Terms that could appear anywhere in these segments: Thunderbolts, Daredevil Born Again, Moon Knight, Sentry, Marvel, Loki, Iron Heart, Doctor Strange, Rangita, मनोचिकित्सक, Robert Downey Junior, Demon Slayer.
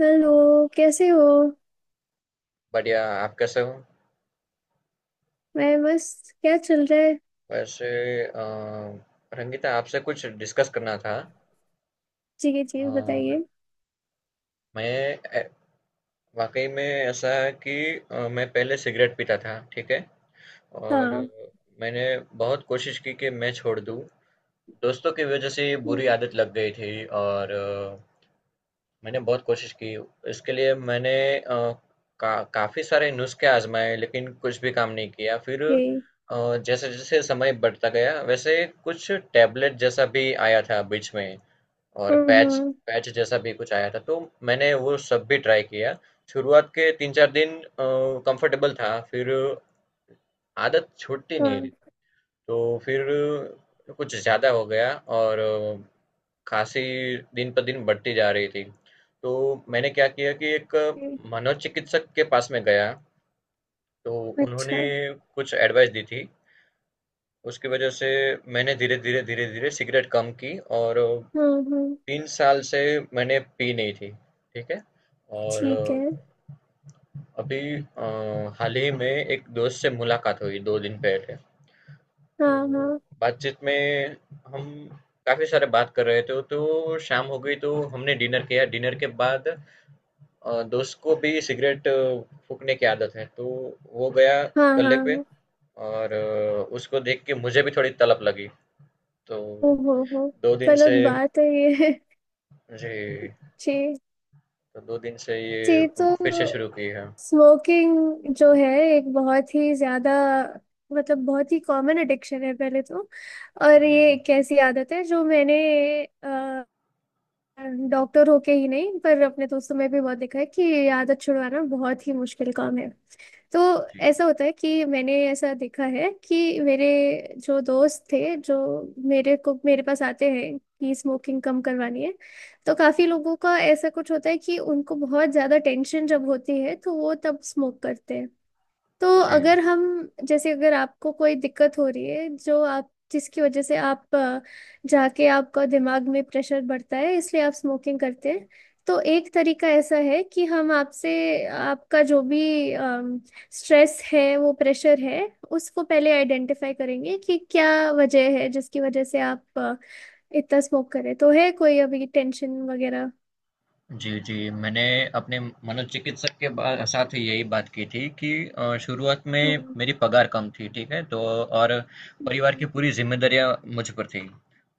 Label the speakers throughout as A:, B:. A: Hello.
B: हाँ,
A: कैसे हो।
B: बढ़िया। आप कैसे हो?
A: मैं बस। क्या चल रहा है।
B: वैसे, अ, रंगीता, आपसे कुछ डिस्कस करना था।
A: जी जी जी,
B: अ,
A: बताइए।
B: मैं ए- वाकई में ऐसा है कि मैं पहले सिगरेट पीता था, ठीक है। और
A: हाँ।
B: मैंने बहुत कोशिश की कि मैं छोड़ दूँ। दोस्तों की वजह से ये बुरी
A: हम्म।
B: आदत लग गई थी, और मैंने बहुत कोशिश की। इसके लिए मैंने अ, काफ़ी सारे नुस्खे आजमाए, लेकिन कुछ भी काम नहीं किया। फिर
A: जी।
B: जैसे जैसे समय बढ़ता गया, वैसे कुछ टैबलेट जैसा भी आया था बीच में, और पैच
A: हम्म।
B: पैच जैसा भी कुछ आया था, तो मैंने वो सब भी ट्राई किया। शुरुआत के 3-4 दिन कंफर्टेबल था, फिर आदत छूटती नहीं रही।
A: हाँ।
B: तो फिर कुछ ज़्यादा हो गया, और अ, खासी दिन पर दिन बढ़ती जा रही थी। तो मैंने क्या किया कि एक
A: जी,
B: मनोचिकित्सक के पास में गया, तो
A: अच्छा।
B: उन्होंने कुछ एडवाइस दी थी। उसकी वजह से मैंने धीरे-धीरे, धीरे-धीरे सिगरेट कम की, और
A: हम्म।
B: 3 साल से मैंने पी नहीं थी, ठीक है? और
A: ठीक है।
B: अभी हाल ही में एक दोस्त से मुलाकात हुई 2 दिन पहले,
A: हाँ
B: तो
A: हाँ
B: बातचीत में हम काफ़ी सारे बात कर रहे थे, तो शाम हो गई, तो हमने डिनर किया। डिनर के बाद दोस्त को भी सिगरेट फूँकने की आदत है, तो वो गया
A: हाँ।
B: गल्ले
A: हाँ
B: पे,
A: हाँ,
B: और उसको देख के मुझे भी थोड़ी तलब लगी। तो
A: ओ हो हो।
B: 2 दिन
A: गलत
B: से।
A: बात है ये
B: जी।
A: जी।
B: तो 2 दिन से ये
A: जी। तो
B: फिर से शुरू की है।
A: स्मोकिंग जो है एक बहुत ही ज्यादा, मतलब बहुत ही कॉमन एडिक्शन है पहले तो। और
B: जी,
A: ये एक ऐसी आदत है जो मैंने डॉक्टर होके ही नहीं पर अपने दोस्तों में भी बहुत देखा है कि ये आदत छुड़वाना बहुत ही मुश्किल काम है। तो
B: जी,
A: ऐसा होता है कि मैंने ऐसा देखा है कि मेरे जो दोस्त थे जो मेरे पास आते हैं कि स्मोकिंग कम करवानी है, तो काफी लोगों का ऐसा कुछ होता है कि उनको बहुत ज्यादा टेंशन जब होती है तो वो तब स्मोक करते हैं। तो
B: जी।
A: अगर हम, जैसे अगर आपको कोई दिक्कत हो रही है जो आप जिसकी वजह से आप जाके आपका दिमाग में प्रेशर बढ़ता है इसलिए आप स्मोकिंग करते हैं। तो एक तरीका ऐसा है कि हम आपसे आपका जो भी स्ट्रेस है वो प्रेशर है उसको पहले आइडेंटिफाई करेंगे कि क्या वजह है जिसकी वजह से आप इतना स्मोक करें, तो है कोई अभी टेंशन वगैरह।
B: जी, जी। मैंने अपने मनोचिकित्सक के बा साथ यही बात की थी कि शुरुआत में
A: हम्म।
B: मेरी पगार कम थी, ठीक है? तो और परिवार की
A: जी,
B: पूरी ज़िम्मेदारियाँ मुझ पर थी।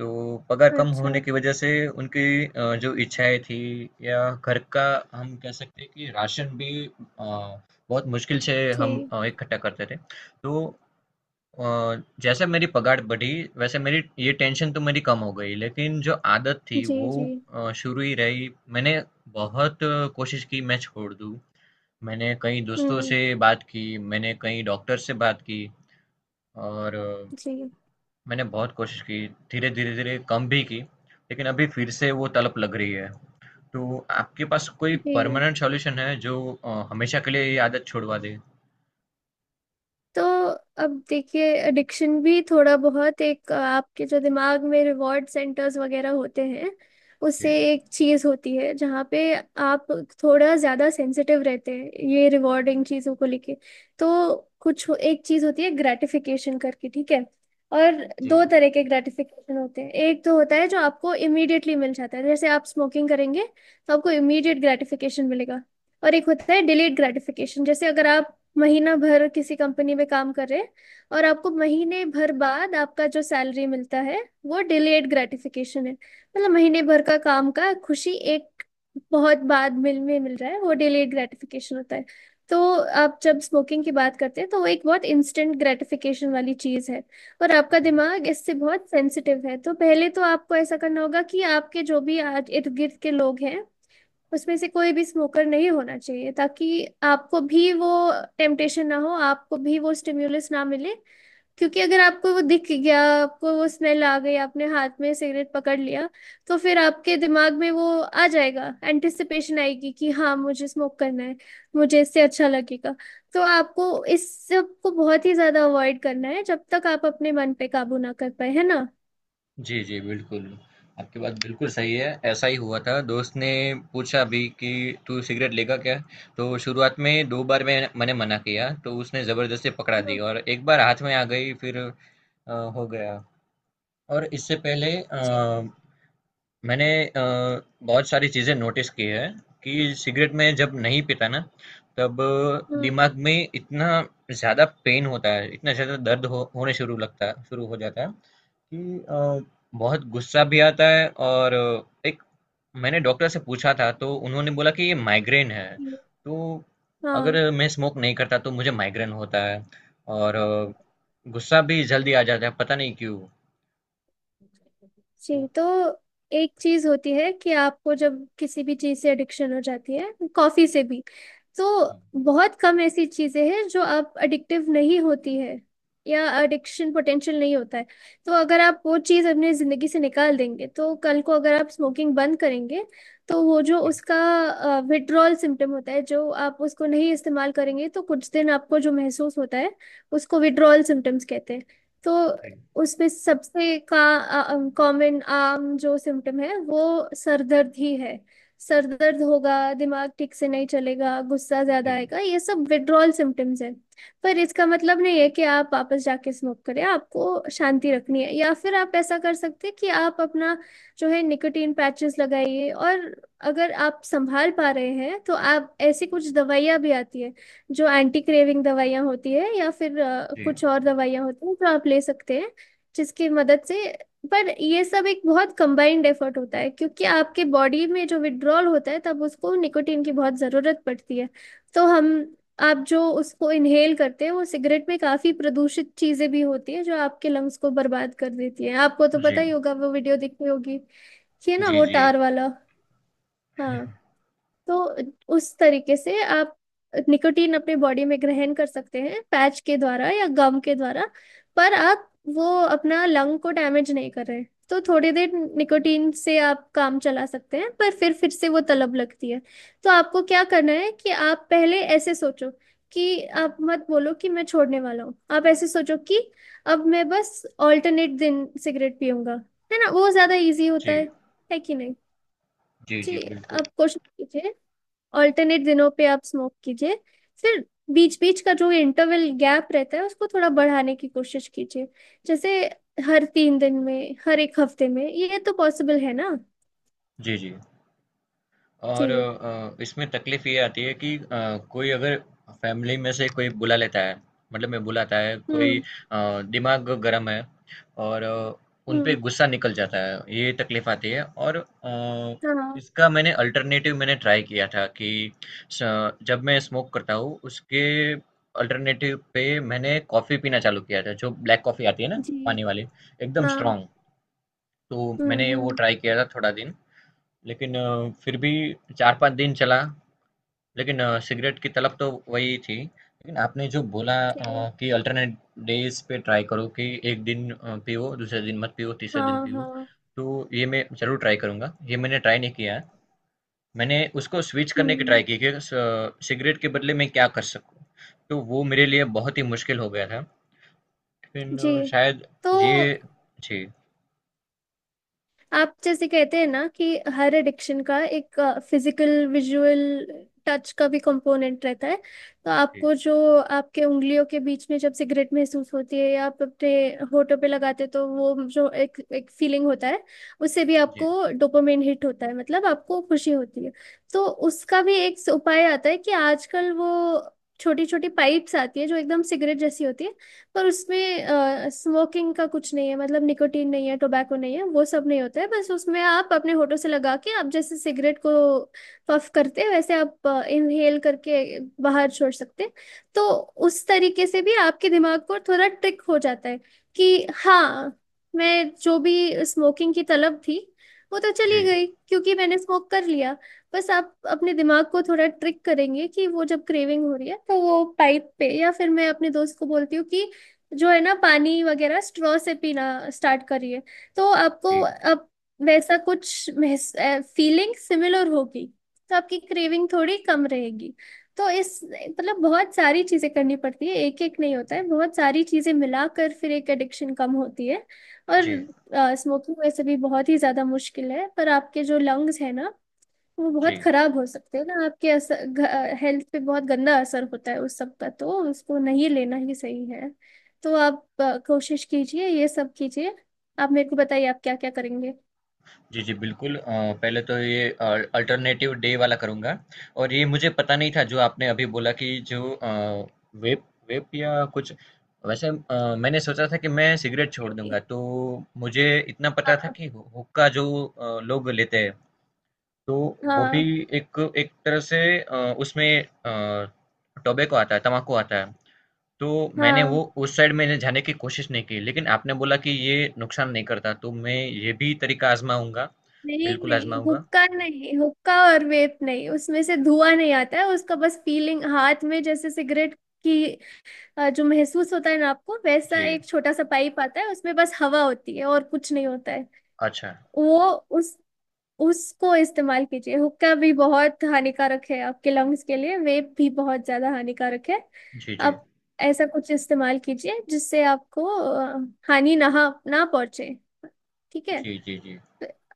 B: तो पगार कम
A: अच्छा।
B: होने की वजह से उनकी जो इच्छाएँ थी या घर का, हम कह सकते हैं कि राशन भी बहुत मुश्किल से हम
A: जी
B: इकट्ठा करते थे। तो अ, जैसे मेरी पगार बढ़ी, वैसे मेरी ये टेंशन तो मेरी कम हो गई, लेकिन जो आदत थी
A: जी
B: वो
A: जी।
B: शुरू ही रही। मैंने बहुत कोशिश की मैं छोड़ दूँ। मैंने कई दोस्तों
A: हम्म।
B: से बात की, मैंने कई डॉक्टर से बात की, और
A: जी।
B: मैंने बहुत कोशिश की, धीरे धीरे धीरे कम भी की, लेकिन अभी फिर से वो तलब लग रही है। तो आपके पास कोई
A: जी।
B: परमानेंट सॉल्यूशन है जो हमेशा के लिए ये आदत छुड़वा दे?
A: तो अब देखिए एडिक्शन भी थोड़ा बहुत एक आपके जो दिमाग में रिवॉर्ड सेंटर्स वगैरह होते हैं, उससे
B: जी
A: एक चीज़ होती है जहाँ पे आप थोड़ा ज़्यादा सेंसिटिव रहते हैं ये रिवॉर्डिंग चीज़ों को लेके। तो एक चीज़ होती है ग्रेटिफिकेशन करके, ठीक है। और
B: जी
A: दो तरह के ग्रेटिफिकेशन होते हैं, एक तो होता है जो आपको इमीडिएटली मिल जाता है जैसे आप स्मोकिंग करेंगे तो आपको इमीडिएट ग्रेटिफिकेशन मिलेगा। और एक होता है डिलेड ग्रेटिफिकेशन, जैसे अगर आप महीना भर किसी कंपनी में काम कर रहे हैं और आपको महीने भर बाद आपका जो सैलरी मिलता है वो डिलेड ग्रेटिफिकेशन है, मतलब महीने भर का काम का खुशी एक बहुत बाद मिल रहा है वो डिलेड ग्रेटिफिकेशन होता है। तो आप जब स्मोकिंग की बात करते हैं तो वो एक बहुत इंस्टेंट ग्रेटिफिकेशन वाली चीज है, और आपका
B: जी
A: दिमाग इससे बहुत सेंसिटिव है, तो पहले तो आपको ऐसा करना होगा कि आपके जो भी आज इर्द गिर्द के लोग हैं उसमें से कोई भी स्मोकर नहीं होना चाहिए, ताकि आपको भी वो टेम्पटेशन ना हो, आपको भी वो स्टिम्युलस ना मिले। क्योंकि अगर आपको वो दिख गया, आपको वो स्मेल आ गई, आपने हाथ में सिगरेट पकड़ लिया, तो फिर आपके दिमाग में वो आ जाएगा, एंटिसिपेशन आएगी कि हाँ मुझे स्मोक करना है, मुझे इससे अच्छा लगेगा। तो आपको इस सब को बहुत ही ज्यादा अवॉइड करना है जब तक आप अपने मन पे काबू ना कर पाए, है ना।
B: जी, जी, बिल्कुल। आपकी बात बिल्कुल सही है, ऐसा ही हुआ था। दोस्त ने पूछा भी कि तू सिगरेट लेगा क्या? तो शुरुआत में 2 बार मैंने मना किया, तो उसने ज़बरदस्ती पकड़ा दी
A: हम्म।
B: और एक बार हाथ में आ गई, फिर हो गया। और इससे पहले
A: जी।
B: मैंने बहुत सारी चीज़ें नोटिस की है कि सिगरेट में जब नहीं पीता ना, तब
A: हम्म
B: दिमाग में इतना ज़्यादा पेन होता है, इतना ज़्यादा दर्द हो होने शुरू लगता है, शुरू हो जाता है कि अ, बहुत गुस्सा भी आता है, और एक मैंने डॉक्टर से पूछा था, तो उन्होंने बोला कि ये माइग्रेन है।
A: हम्म,
B: तो
A: हाँ।
B: अगर मैं स्मोक नहीं करता तो मुझे माइग्रेन होता है, और गुस्सा भी जल्दी आ जाता है, पता नहीं क्यों।
A: जी।
B: तो
A: तो एक चीज होती है कि आपको जब किसी भी चीज से एडिक्शन हो जाती है, कॉफी से भी, तो बहुत कम ऐसी चीजें हैं जो आप एडिक्टिव नहीं होती है या एडिक्शन पोटेंशियल नहीं होता है। तो अगर आप वो चीज अपनी जिंदगी से निकाल देंगे तो कल को अगर आप स्मोकिंग बंद करेंगे तो वो जो
B: जी
A: उसका विड्रॉल सिम्टम होता है, जो आप उसको नहीं इस्तेमाल करेंगे तो कुछ दिन आपको जो महसूस होता है उसको विड्रॉल सिम्टम्स कहते हैं। तो
B: जी
A: उसमें सबसे का कॉमन आम जो सिम्टम है वो सर दर्द ही है। सर दर्द होगा, दिमाग ठीक से नहीं चलेगा, गुस्सा ज्यादा
B: जी
A: आएगा, ये सब विड्रॉल सिम्टम्स है। पर इसका मतलब नहीं है कि आप वापस जाके स्मोक करें, आपको शांति रखनी है, या फिर आप ऐसा कर सकते हैं कि आप अपना जो है निकोटीन पैचेस लगाइए। और अगर आप संभाल पा रहे हैं तो आप ऐसी कुछ दवाइयाँ भी आती है जो एंटी क्रेविंग दवाइयाँ होती है, या फिर
B: जी
A: कुछ और दवाइयाँ होती हैं जो आप ले सकते हैं जिसकी मदद से। पर ये सब एक बहुत कंबाइंड एफर्ट होता है क्योंकि आपके बॉडी में जो विड्रॉल होता है तब उसको निकोटीन की बहुत ज़रूरत पड़ती है। तो हम, आप जो उसको इनहेल करते हैं वो सिगरेट में काफ़ी प्रदूषित चीज़ें भी होती है जो आपके लंग्स को बर्बाद कर देती है, आपको तो पता
B: जी
A: ही होगा वो वीडियो देखी होगी कि है ना
B: जी
A: वो
B: जी
A: टार वाला। हाँ। तो उस तरीके से आप निकोटीन अपने बॉडी में ग्रहण कर सकते हैं पैच के द्वारा या गम के द्वारा, पर आप वो अपना लंग को डैमेज नहीं कर रहे। तो थोड़ी देर निकोटीन से आप काम चला सकते हैं, पर फिर से वो तलब लगती है। तो आपको क्या करना है कि आप पहले ऐसे सोचो कि आप मत बोलो कि मैं छोड़ने वाला हूँ, आप ऐसे सोचो कि अब मैं बस ऑल्टरनेट दिन सिगरेट पीऊंगा, है ना वो ज्यादा इजी होता
B: जी
A: है कि नहीं।
B: जी
A: जी।
B: जी, बिल्कुल।
A: आप कोशिश कीजिए, ऑल्टरनेट दिनों पे आप स्मोक कीजिए, फिर बीच बीच का जो इंटरवल गैप रहता है उसको थोड़ा बढ़ाने की कोशिश कीजिए। जैसे हर तीन दिन में, हर एक हफ्ते में, ये तो पॉसिबल है ना।
B: जी जी। और
A: जी।
B: इसमें तकलीफ ये आती है कि कोई अगर फैमिली में से कोई बुला लेता है, मतलब मैं बुलाता है कोई,
A: हम्म
B: दिमाग गर्म है, और उन पे
A: हम्म।
B: गुस्सा निकल जाता है, ये तकलीफ आती है। और
A: हाँ।
B: इसका मैंने अल्टरनेटिव मैंने ट्राई किया था कि जब मैं स्मोक करता हूँ उसके अल्टरनेटिव पे मैंने कॉफ़ी पीना चालू किया था, जो ब्लैक कॉफ़ी आती है ना,
A: जी।
B: पानी वाली, एकदम
A: हाँ।
B: स्ट्रांग। तो मैंने वो
A: हम्म।
B: ट्राई किया था थोड़ा दिन, लेकिन फिर भी 4-5 दिन चला, लेकिन सिगरेट की तलब तो वही थी। लेकिन आपने जो बोला
A: जी।
B: कि अल्टरनेट डेज पे ट्राई करो कि एक दिन पियो, दूसरे दिन मत पियो, तीसरे दिन
A: हाँ
B: पियो,
A: हाँ।
B: तो ये मैं जरूर ट्राई करूंगा। ये मैंने ट्राई नहीं किया है। मैंने उसको स्विच करने की ट्राई
A: हम्म।
B: की कि सिगरेट के बदले मैं क्या कर सकूं, तो वो मेरे लिए बहुत ही मुश्किल हो गया था, लेकिन
A: जी।
B: शायद
A: तो
B: ये। जी
A: आप जैसे कहते हैं ना कि हर एडिक्शन का एक फिजिकल विजुअल टच का भी कंपोनेंट रहता है। तो
B: जी
A: आपको जो आपके उंगलियों के बीच में जब सिगरेट महसूस होती है या आप अपने होठों पे लगाते हैं, तो वो जो एक एक फीलिंग होता है उससे भी
B: जी
A: आपको डोपामिन हिट होता है, मतलब आपको खुशी होती है। तो उसका भी एक उपाय आता है कि आजकल वो छोटी छोटी पाइप्स आती है जो एकदम सिगरेट जैसी होती है। पर उसमें स्मोकिंग का कुछ नहीं है, मतलब निकोटीन नहीं है, टोबैको नहीं है, वो सब नहीं होता है, बस उसमें आप अपने होठों से लगा के आप जैसे सिगरेट को पफ करते हैं वैसे आप इनहेल करके बाहर छोड़ सकते हैं। तो उस तरीके से भी आपके दिमाग को थोड़ा ट्रिक हो जाता है कि हाँ, मैं जो भी स्मोकिंग की तलब थी वो तो चली
B: जी
A: गई क्योंकि मैंने स्मोक कर लिया। बस आप अपने दिमाग को थोड़ा ट्रिक करेंगे कि वो जब क्रेविंग हो रही है तो वो पाइप पे, या फिर मैं अपने दोस्त को बोलती हूँ कि जो है ना पानी वगैरह स्ट्रॉ से पीना स्टार्ट करिए, तो आपको
B: जी
A: अब वैसा कुछ फीलिंग सिमिलर होगी तो आपकी क्रेविंग थोड़ी कम रहेगी। तो इस, मतलब बहुत सारी चीजें करनी पड़ती है, एक एक नहीं होता है, बहुत सारी चीजें मिलाकर फिर एक एडिक्शन कम होती है। और
B: जी
A: स्मोकिंग वैसे भी बहुत ही ज्यादा मुश्किल है पर आपके जो लंग्स है ना, तो वो बहुत
B: जी
A: खराब हो सकते हैं ना, आपके असर हेल्थ पे बहुत गंदा असर होता है उस सब का, तो उसको नहीं लेना ही सही है। तो आप कोशिश कीजिए ये सब कीजिए, आप मेरे को बताइए आप क्या क्या करेंगे।
B: जी, जी, बिल्कुल। पहले तो ये अल्टरनेटिव डे वाला करूँगा। और ये मुझे पता नहीं था जो आपने अभी बोला, कि जो वेप वेप या कुछ। वैसे मैंने सोचा था कि मैं सिगरेट छोड़
A: नहीं,
B: दूँगा, तो मुझे इतना पता था
A: हाँ
B: कि हुक्का जो लोग लेते हैं, तो वो भी
A: हाँ
B: एक एक तरह से, उसमें टोबैको आता है, तम्बाकू आता है। तो मैंने
A: हाँ।
B: वो उस साइड मैंने जाने की कोशिश नहीं की, लेकिन आपने बोला कि ये नुकसान नहीं करता, तो मैं ये भी तरीका आजमाऊंगा।
A: नहीं
B: बिल्कुल
A: नहीं,
B: आजमाऊंगा।
A: हुक्का नहीं, हुक्का और वेप नहीं, उसमें से धुआं नहीं आता है उसका, बस फीलिंग हाथ में जैसे सिगरेट की जो महसूस होता है ना आपको, वैसा
B: जी।
A: एक छोटा सा पाइप आता है उसमें बस हवा होती है और कुछ नहीं होता है।
B: अच्छा।
A: वो उस उसको इस्तेमाल कीजिए, हुक्का भी बहुत हानिकारक है आपके लंग्स के लिए, वेप भी बहुत ज्यादा हानिकारक है।
B: जी जी
A: आप ऐसा कुछ इस्तेमाल कीजिए जिससे आपको हानि ना ना पहुंचे, ठीक है।
B: जी जी जी,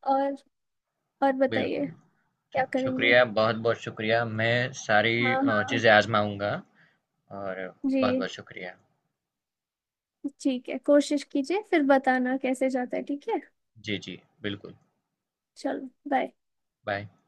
A: और बताइए
B: बिल्कुल।
A: क्या करेंगे।
B: शुक्रिया, बहुत बहुत शुक्रिया, मैं सारी
A: हाँ हाँ।
B: चीज़ें आजमाऊंगा। और बहुत बहुत
A: जी।
B: शुक्रिया।
A: ठीक है, कोशिश कीजिए फिर बताना कैसे जाता है, ठीक है।
B: जी जी, बिल्कुल।
A: चलो बाय।
B: बाय।